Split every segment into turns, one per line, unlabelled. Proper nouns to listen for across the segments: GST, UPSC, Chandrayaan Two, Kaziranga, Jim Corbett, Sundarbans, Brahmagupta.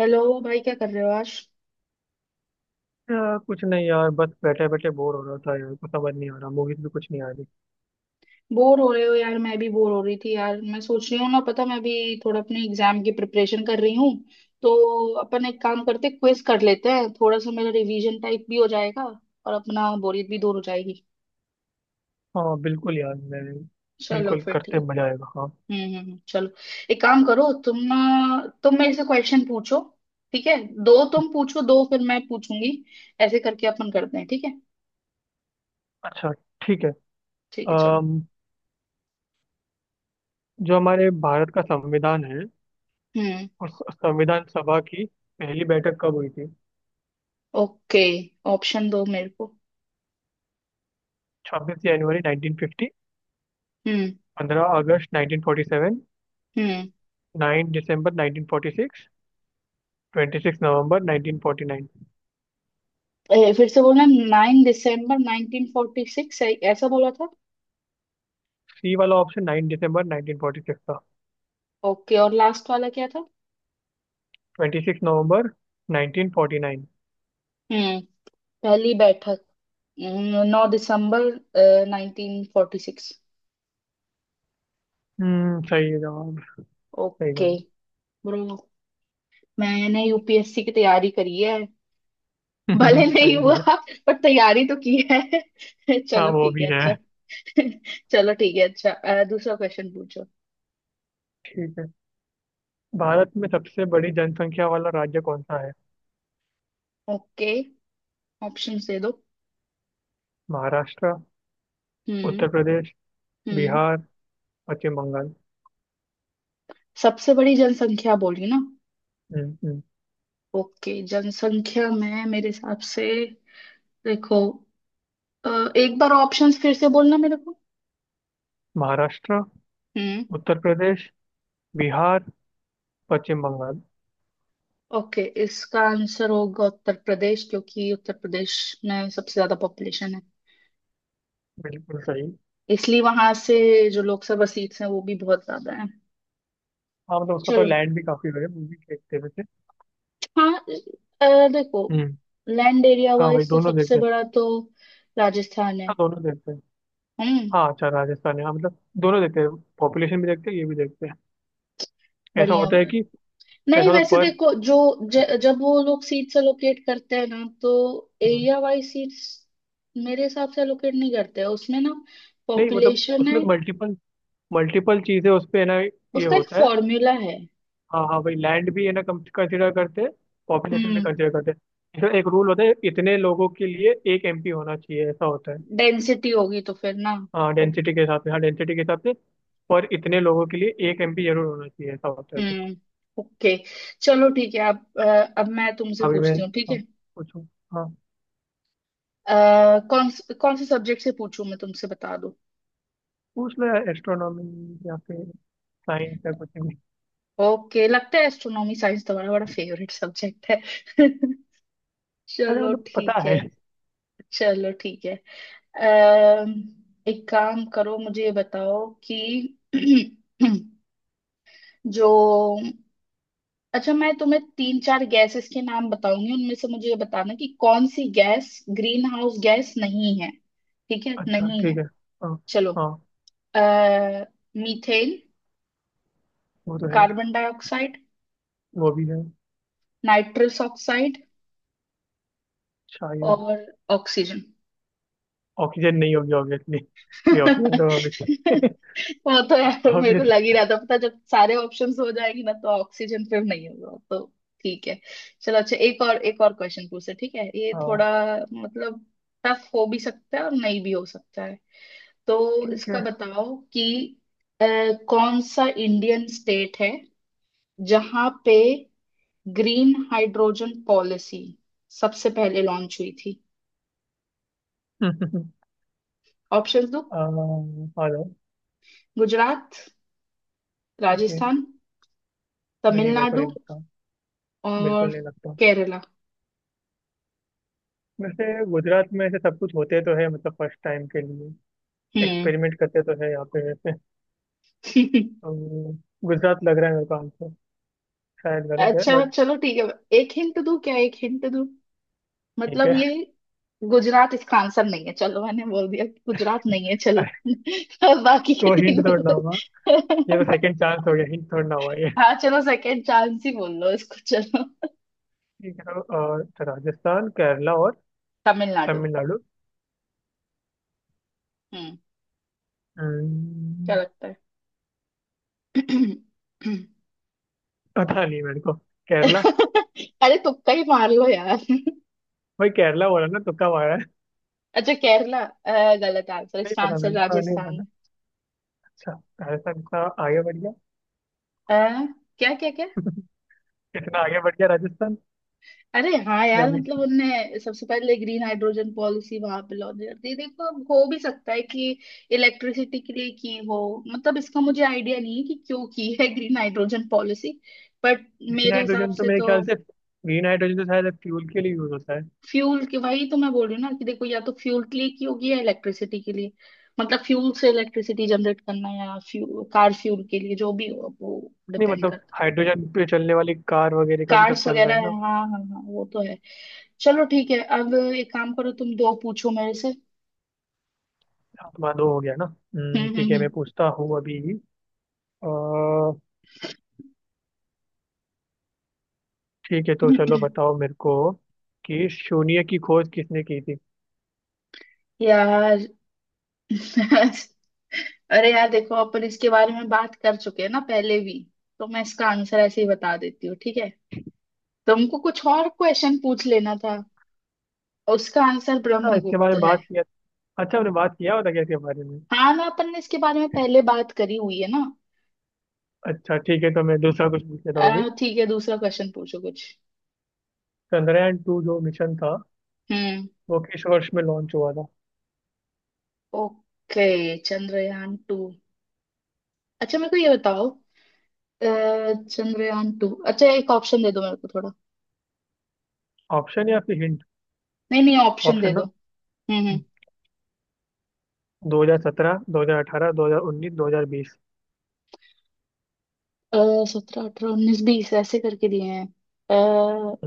Hello. भाई, क्या कर रहे हो आज?
यार कुछ नहीं यार। बस बैठे बैठे बोर हो रहा था यार। कुछ समझ नहीं आ रहा, मूवीज भी कुछ नहीं आ रही।
बोर हो रहे हो यार? मैं भी बोर हो रही थी यार। मैं सोच रही हूँ ना पता, मैं भी थोड़ा अपने एग्जाम की प्रिपरेशन कर रही हूँ। तो अपन एक काम करते, क्विज कर लेते हैं। थोड़ा सा मेरा रिवीजन टाइप भी हो जाएगा और अपना बोरियत भी दूर हो जाएगी।
हाँ बिल्कुल यार मैं
चलो
बिल्कुल
फिर
करते
ठीक।
मजा आएगा। हाँ।
हम्म, हम्म, चलो। एक काम करो तुम ना, तुम मेरे से क्वेश्चन पूछो। ठीक है? दो तुम पूछो, दो फिर मैं पूछूंगी। ऐसे करके अपन करते हैं, ठीक है?
अच्छा ठीक है।
ठीक है चलो।
अम, जो हमारे भारत का संविधान है,
हम्म।
उस संविधान सभा की पहली बैठक कब हुई थी?
ओके, ऑप्शन दो मेरे को।
26 जनवरी 1950।
हम्म।
15 अगस्त 1947।
हम्म।
9 दिसंबर 1946। 26 नवंबर 1949।
फिर से बोलना, 9 दिसंबर 1946 ऐसा बोला था।
सी वाला ऑप्शन 9 दिसंबर 1946 था।
ओके, और लास्ट वाला क्या था?
26 नवंबर 1949।
हम्म। पहली बैठक। 9 दिसंबर 1946।
हम्म, सही है जवाब। सही
ओके।
कहूँ?
ब्रो, मैंने यूपीएससी की तैयारी करी है। भले नहीं
सही भी
हुआ,
है।
पर तैयारी तो की है।
हाँ
चलो
वो
ठीक
भी
है
है।
अच्छा। चलो ठीक है अच्छा। दूसरा क्वेश्चन पूछो।
ठीक है। भारत में सबसे बड़ी जनसंख्या वाला राज्य कौन सा है?
ओके, ऑप्शंस दे दो।
महाराष्ट्र।
हम्म।
उत्तर प्रदेश।
हम्म।
बिहार। पश्चिम बंगाल।
सबसे बड़ी जनसंख्या बोली ना?
हम्म हम्म।
ओके, जनसंख्या में मेरे हिसाब से, देखो, अ, एक बार ऑप्शंस फिर से बोलना मेरे को।
महाराष्ट्र।
हम्म।
उत्तर प्रदेश। बिहार। पश्चिम बंगाल।
ओके, इसका आंसर होगा उत्तर प्रदेश, क्योंकि उत्तर प्रदेश में सबसे ज्यादा पॉपुलेशन है।
बिल्कुल सही।
इसलिए वहां से जो लोकसभा सीट्स हैं, वो भी बहुत ज्यादा है।
हाँ मतलब उसका तो
चलो।
लैंड भी काफी बड़ा है, वो भी देखते हैं वैसे।
हाँ, देखो,
हम्म।
लैंड एरिया
हाँ भाई
वाइज तो
दोनों
सबसे
देखते हैं।
बड़ा तो राजस्थान है।
हाँ दोनों देखते हैं।
हम्म।
हाँ अच्छा राजस्थान है, हाँ मतलब दोनों देखते हैं। पॉपुलेशन भी देखते हैं, ये भी देखते हैं। ऐसा
बढ़िया।
होता है कि
नहीं
ऐसा होता है
वैसे
पर
देखो, जो जब वो लोग सीट्स एलोकेट करते हैं ना, तो
हम्म,
एरिया वाइज सीट्स मेरे हिसाब से एलोकेट नहीं करते हैं उसमें ना,
नहीं मतलब
पॉपुलेशन है।
उसमें मल्टीपल मल्टीपल चीजें उस पे है ना। ये
उसका एक
होता है।
फॉर्मूला है।
हाँ हाँ भाई लैंड भी है ना, कम कंसिडर करते हैं। पॉपुलेशन भी
हम्म।
कंसिडर करते हैं। इसमें एक रूल होता है, इतने लोगों के लिए एक एमपी होना चाहिए, ऐसा होता है।
डेंसिटी होगी तो फिर ना।
हाँ
ओ-
डेंसिटी के हिसाब से, हाँ डेंसिटी के हिसाब से। और इतने लोगों के लिए एक एमपी जरूर होना चाहिए, ऐसा होता है कुछ।
हम्म। ओके। चलो ठीक है अब, अब मैं तुमसे
अभी मैं
पूछती हूँ, ठीक
हाँ,
है?
पूछूं। हाँ।
कौन कौन से सब्जेक्ट से पूछूं मैं तुमसे, बता दो।
पूछ लो यार, एस्ट्रोनॉमी या फिर साइंस या कुछ भी।
ओके, लगता है एस्ट्रोनॉमी साइंस तुम्हारा बड़ा फेवरेट सब्जेक्ट है।
अरे
चलो
मतलब पता
ठीक
है।
है। चलो ठीक है। अम, एक काम करो, मुझे ये बताओ कि जो, अच्छा, मैं तुम्हें तीन चार गैसेस के नाम बताऊंगी, उनमें से मुझे ये बताना कि कौन सी गैस ग्रीन हाउस गैस नहीं है। ठीक है,
अच्छा
नहीं
ठीक
है।
है। हाँ।
चलो।
हाँ।
अः मीथेन,
वो तो है।
कार्बन डाइऑक्साइड,
वो भी है।
नाइट्रस ऑक्साइड
शायद।
और ऑक्सीजन।
ऑक्सीजन नहीं होगी ऑब्वियसली। ये ऑक्सीजन तो होगी।
वो तो यार मेरे को
ऑब्वियस।
लग ही रहा था, पता, जब सारे ऑप्शंस हो जाएगी ना तो ऑक्सीजन फिर नहीं होगा तो। ठीक है। चलो अच्छा, एक और क्वेश्चन पूछे, ठीक है? ये थोड़ा, मतलब, टफ हो भी सकता है और नहीं भी हो सकता है। तो
ठीक
इसका
है।
बताओ कि अ, कौन सा इंडियन स्टेट है जहां पे ग्रीन हाइड्रोजन पॉलिसी सबसे पहले लॉन्च हुई थी? ऑप्शंस दो,
हेलो।
गुजरात,
ओके।
राजस्थान,
नहीं मेरे को
तमिलनाडु
नहीं लगता।
और
बिल्कुल नहीं लगता।
केरला।
वैसे गुजरात में ऐसे सब कुछ होते तो है मतलब फर्स्ट टाइम के लिए
हम्म।
एक्सपेरिमेंट करते तो है यहाँ पे वैसे, तो गुजरात लग रहा है मेरे को आंसर। शायद गलत है
अच्छा
बट
चलो ठीक है। एक हिंट दूं क्या? एक हिंट दूं,
ठीक
मतलब
है।
ये गुजरात इसका आंसर नहीं है। चलो मैंने बोल दिया कि गुजरात नहीं है, चलो। बाकी के
तो हिंट
तीन।
छोड़ना होगा। ये तो सेकंड चांस हो गया, हिंट छोड़ना हुआ ये।
हाँ चलो, सेकेंड चांस ही बोल लो इसको, चलो।
ठीक है तो राजस्थान केरला और
तमिलनाडु।
तमिलनाडु।
हम्म। क्या
हम्म,
लगता है?
पता नहीं मेरे को। केरला।
अरे तुक्का ही मार लो यार।
भाई केरला बोला ना, तुक्का मारा है।
अच्छा, केरला, गलत आंसर,
नहीं
इसका
पता
आंसर
मेरे को, हाँ, नहीं पता।
राजस्थान
अच्छा राजस्थान का आगे बढ़ गया।
है। क्या क्या क्या।
इतना आगे बढ़ गया राजस्थान
अरे हाँ
कि
यार,
अभी
मतलब उनने सबसे पहले ग्रीन हाइड्रोजन पॉलिसी वहां पे लॉन्च कर दी। देखो, अब हो भी सकता है कि इलेक्ट्रिसिटी के लिए की हो। मतलब इसका मुझे आइडिया नहीं है कि क्यों की है green hydrogen policy, but
green
मेरे हिसाब
हाइड्रोजन तो
से
मेरे
तो
ख्याल से, ग्रीन हाइड्रोजन तो शायद फ्यूल के लिए यूज होता है।
फ्यूल के, वही तो मैं बोल रही हूँ ना, कि देखो, या तो फ्यूल के लिए की होगी या इलेक्ट्रिसिटी के लिए। मतलब फ्यूल से इलेक्ट्रिसिटी जनरेट करना, या फ्यूल कार फ्यूल के लिए, जो भी हो, अब वो
नहीं
डिपेंड
मतलब
करता है।
हाइड्रोजन पे चलने वाली कार वगैरह का भी सब
कार्स
चल रहा
वगैरह
है
है,
ना।
हाँ हाँ हाँ, वो तो है। चलो ठीक है, अब एक काम करो, तुम दो पूछो मेरे से।
हाँ, तुम्हारा दो हो गया ना।
हम्म,
ठीक है
हम्म,
मैं पूछता हूँ अभी। अ, ठीक है तो चलो
हम्म।
बताओ मेरे को कि शून्य की खोज किसने की थी।
यार। अरे यार देखो, अपन इसके बारे में बात कर चुके हैं ना पहले भी, तो मैं इसका आंसर ऐसे ही बता देती हूँ, ठीक है? तुमको कुछ और क्वेश्चन पूछ लेना था। और उसका आंसर
अच्छा इसके
ब्रह्मगुप्त
बारे में
है।
बात किया? अच्छा हमने बात किया होता क्या इसके बारे में।
हाँ ना, अपन ने इसके बारे में पहले बात करी हुई है ना।
अच्छा ठीक है तो मैं दूसरा कुछ पूछ लेता हूँ अभी।
ठीक है, दूसरा क्वेश्चन पूछो कुछ।
चंद्रयान टू जो मिशन था,
हम्म।
वो किस वर्ष में लॉन्च हुआ था?
Okay, Chandrayaan to. अच्छा मेरे को ये बताओ, अ, चंद्रयान टू, अच्छा एक ऑप्शन दे दो मेरे को थोड़ा।
ऑप्शन या फिर हिंट?
नहीं नहीं, ऑप्शन दे
ऑप्शन
दो।
ना।
हम्म। हम्म।
2017, 2018, 2019, 2020।
सत्रह, अठारह, उन्नीस, बीस ऐसे करके दिए हैं।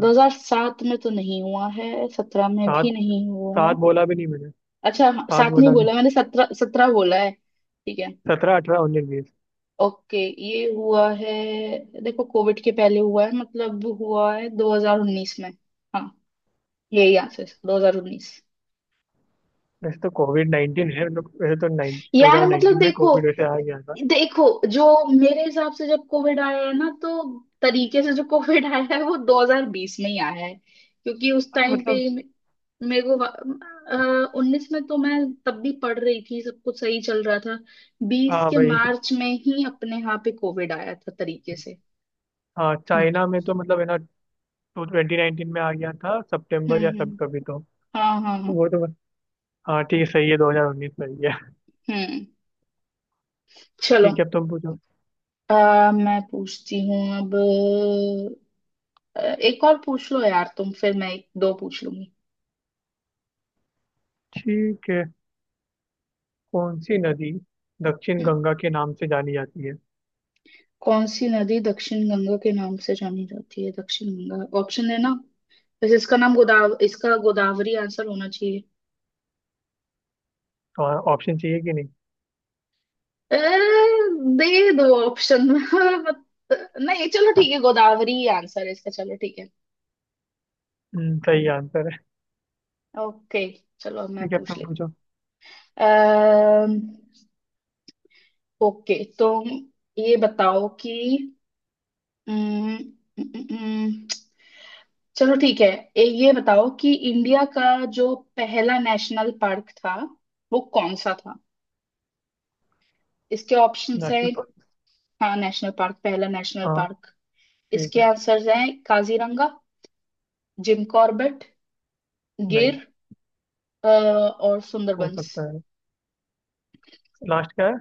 2007 में तो नहीं हुआ है, सत्रह में
सात?
भी नहीं हुआ है।
सात बोला भी नहीं मैंने।
अच्छा हाँ,
सात
सात नहीं
बोला भी
बोला
नहीं।
मैंने, सत्रह, सत्रह बोला है, ठीक है।
सत्रह अठारह उन्नीस बीस।
ओके, ये हुआ है। देखो, कोविड के पहले हुआ है, मतलब हुआ है 2019 में। हाँ, यही आंसर, 2019।
वैसे तो कोविड-19 है, मतलब वैसे तो नाइन टू
यार
हजार
मतलब
नाइन्टीन में
देखो,
कोविड वैसे आ गया था।
देखो जो मेरे हिसाब से, जब कोविड आया है ना, तो तरीके से जो कोविड आया है वो 2020 में ही आया है, क्योंकि उस
हाँ,
टाइम पे
मतलब
ही मेरे को, उन्नीस में तो मैं तब भी पढ़ रही थी, सब कुछ सही चल रहा था। बीस
हाँ
के
भाई।
मार्च में ही अपने यहाँ पे कोविड आया था तरीके से।
हाँ
हम्म।
चाइना में तो मतलब है ना, 2019 में आ गया था सितंबर या सब
हम्म।
कभी तो
हाँ हाँ हाँ।
वो तो बस- हाँ ठीक है सही है, 2019 सही है।
हम्म। चलो।
ठीक है अब तुम पूछो।
आ, मैं पूछती हूँ अब। एक और पूछ लो यार तुम, फिर मैं एक दो पूछ लूंगी।
ठीक है। कौन सी नदी दक्षिण गंगा के नाम से जानी जाती है?
कौन सी नदी दक्षिण गंगा के नाम से जानी जाती है? दक्षिण गंगा ऑप्शन है ना। वैसे इसका नाम गोदाव इसका गोदावरी आंसर होना चाहिए।
तो ऑप्शन चाहिए कि नहीं?
ए, दे दो ऑप्शन। नहीं चलो ठीक है, गोदावरी ही आंसर है इसका, चलो ठीक है।
सही आंसर है।
ओके, चलो अब मैं
ठीक है अब
पूछ
तुम
लेती
पूछो।
हूँ। ओके तो ये बताओ कि अम्म, अम्म, अम्म, चलो ठीक है। ये बताओ कि इंडिया का जो पहला नेशनल पार्क था, वो कौन सा था? इसके ऑप्शंस है।
National park.
हाँ, नेशनल पार्क, पहला नेशनल
हाँ।
पार्क।
ठीक
इसके
है।
आंसर्स हैं: काजीरंगा, जिम कॉर्बेट,
नहीं।
गिर, और
हो
सुंदरबंस।
सकता है। लास्ट क्या है?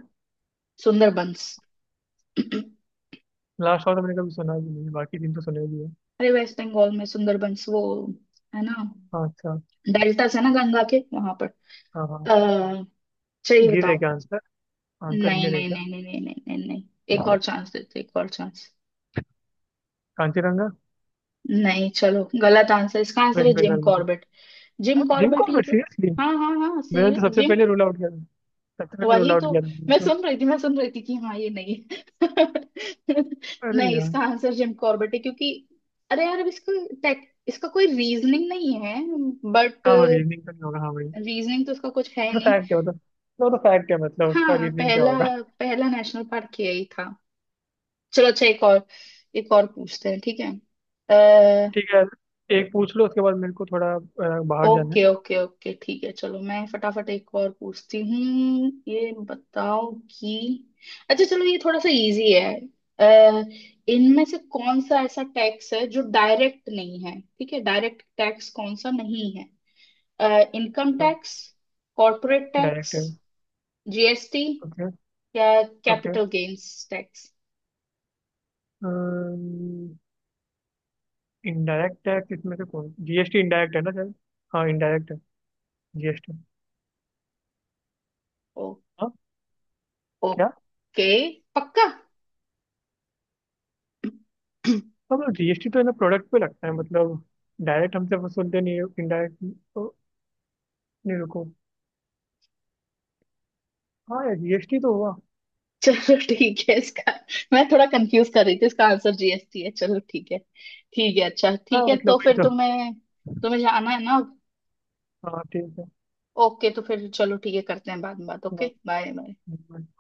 सुंदरबंस।
लास्ट और तो मैंने कभी सुना भी नहीं, बाकी दिन तो सुने भी है।
अरे वेस्ट बंगाल में सुंदरबंस, वो है ना,
हाँ अच्छा।
डेल्टास है ना गंगा के वहां पर।
हाँ हाँ।
अः चाहिए
गिर है
बताओ?
क्या आंसर? आंसर
नहीं
गिर है
नहीं
क्या?
नहीं नहीं नहीं नहीं नहीं नहीं, एक और चांस देते, एक और चांस।
कांचीरंगा।
नहीं चलो, गलत आंसर, इसका आंसर है
वेस्ट
जिम
बंगाल में।
कॉर्बेट।
हाँ,
जिम
जिम
कॉर्बेट ही
कॉर्बेट
तो,
सीरियसली?
हाँ हाँ हाँ, सी।
मैंने तो सबसे
जिम,
पहले रूल आउट किया था। सबसे पहले रूल
वही
आउट
तो।
किया था
मैं
मैंने तो।
सुन रही थी, मैं सुन रही थी कि हाँ ये नहीं है।
अरे
नहीं,
यार।
इसका आंसर जिम कॉर्बेट है, क्योंकि अरे यार अब इसको टेक, इसका कोई रीजनिंग नहीं है, बट
हाँ रीजनिंग तो नहीं होगा हाँ भाई।
रीजनिंग तो इसका कुछ है
तो
नहीं।
फैक्ट है मतलब। वो तो फैक्ट है मतलब, उसका
हाँ,
रीजनिंग क्या
पहला,
होगा।
पहला नेशनल पार्क यही था। चलो अच्छा, एक और पूछते हैं, ठीक है।
ठीक है। एक पूछ लो उसके बाद मेरे को थोड़ा बाहर जाना है।
ओके ओके ओके, ठीक है। चलो मैं फटाफट एक और पूछती हूँ, ये बताओ कि, अच्छा चलो ये थोड़ा सा इजी है। अ, इनमें से कौन सा ऐसा टैक्स है जो डायरेक्ट नहीं है? ठीक है, डायरेक्ट टैक्स कौन सा नहीं है? इनकम
तो
टैक्स, कॉर्पोरेट टैक्स,
डायरेक्ट है।
GST
okay.
या
okay
capital gains tax.
Indirect tax इसमें से कौन, जीएसटी इनडायरेक्ट है ना सर? हाँ इनडायरेक्ट है। जीएसटी।
ओ।
हाँ। क्या?
ओके। पक्का?
हाँ, मतलब जीएसटी तो है ना, प्रोडक्ट पे लगता है मतलब। डायरेक्ट हमसे वसूलते नहीं है, इनडायरेक्ट। तो नहीं रुको। हाँ यार जीएसटी तो हुआ।
चलो ठीक है, इसका मैं थोड़ा कंफ्यूज कर रही थी, इसका आंसर जीएसटी है। चलो ठीक है। ठीक है अच्छा,
हाँ
ठीक है
मतलब
तो
वही
फिर
तो।
तुम्हें, तुम्हें जाना है ना?
हाँ ठीक है।
ओके तो फिर चलो ठीक है, करते हैं बाद में बात। Okay, bye bye.
हाँ,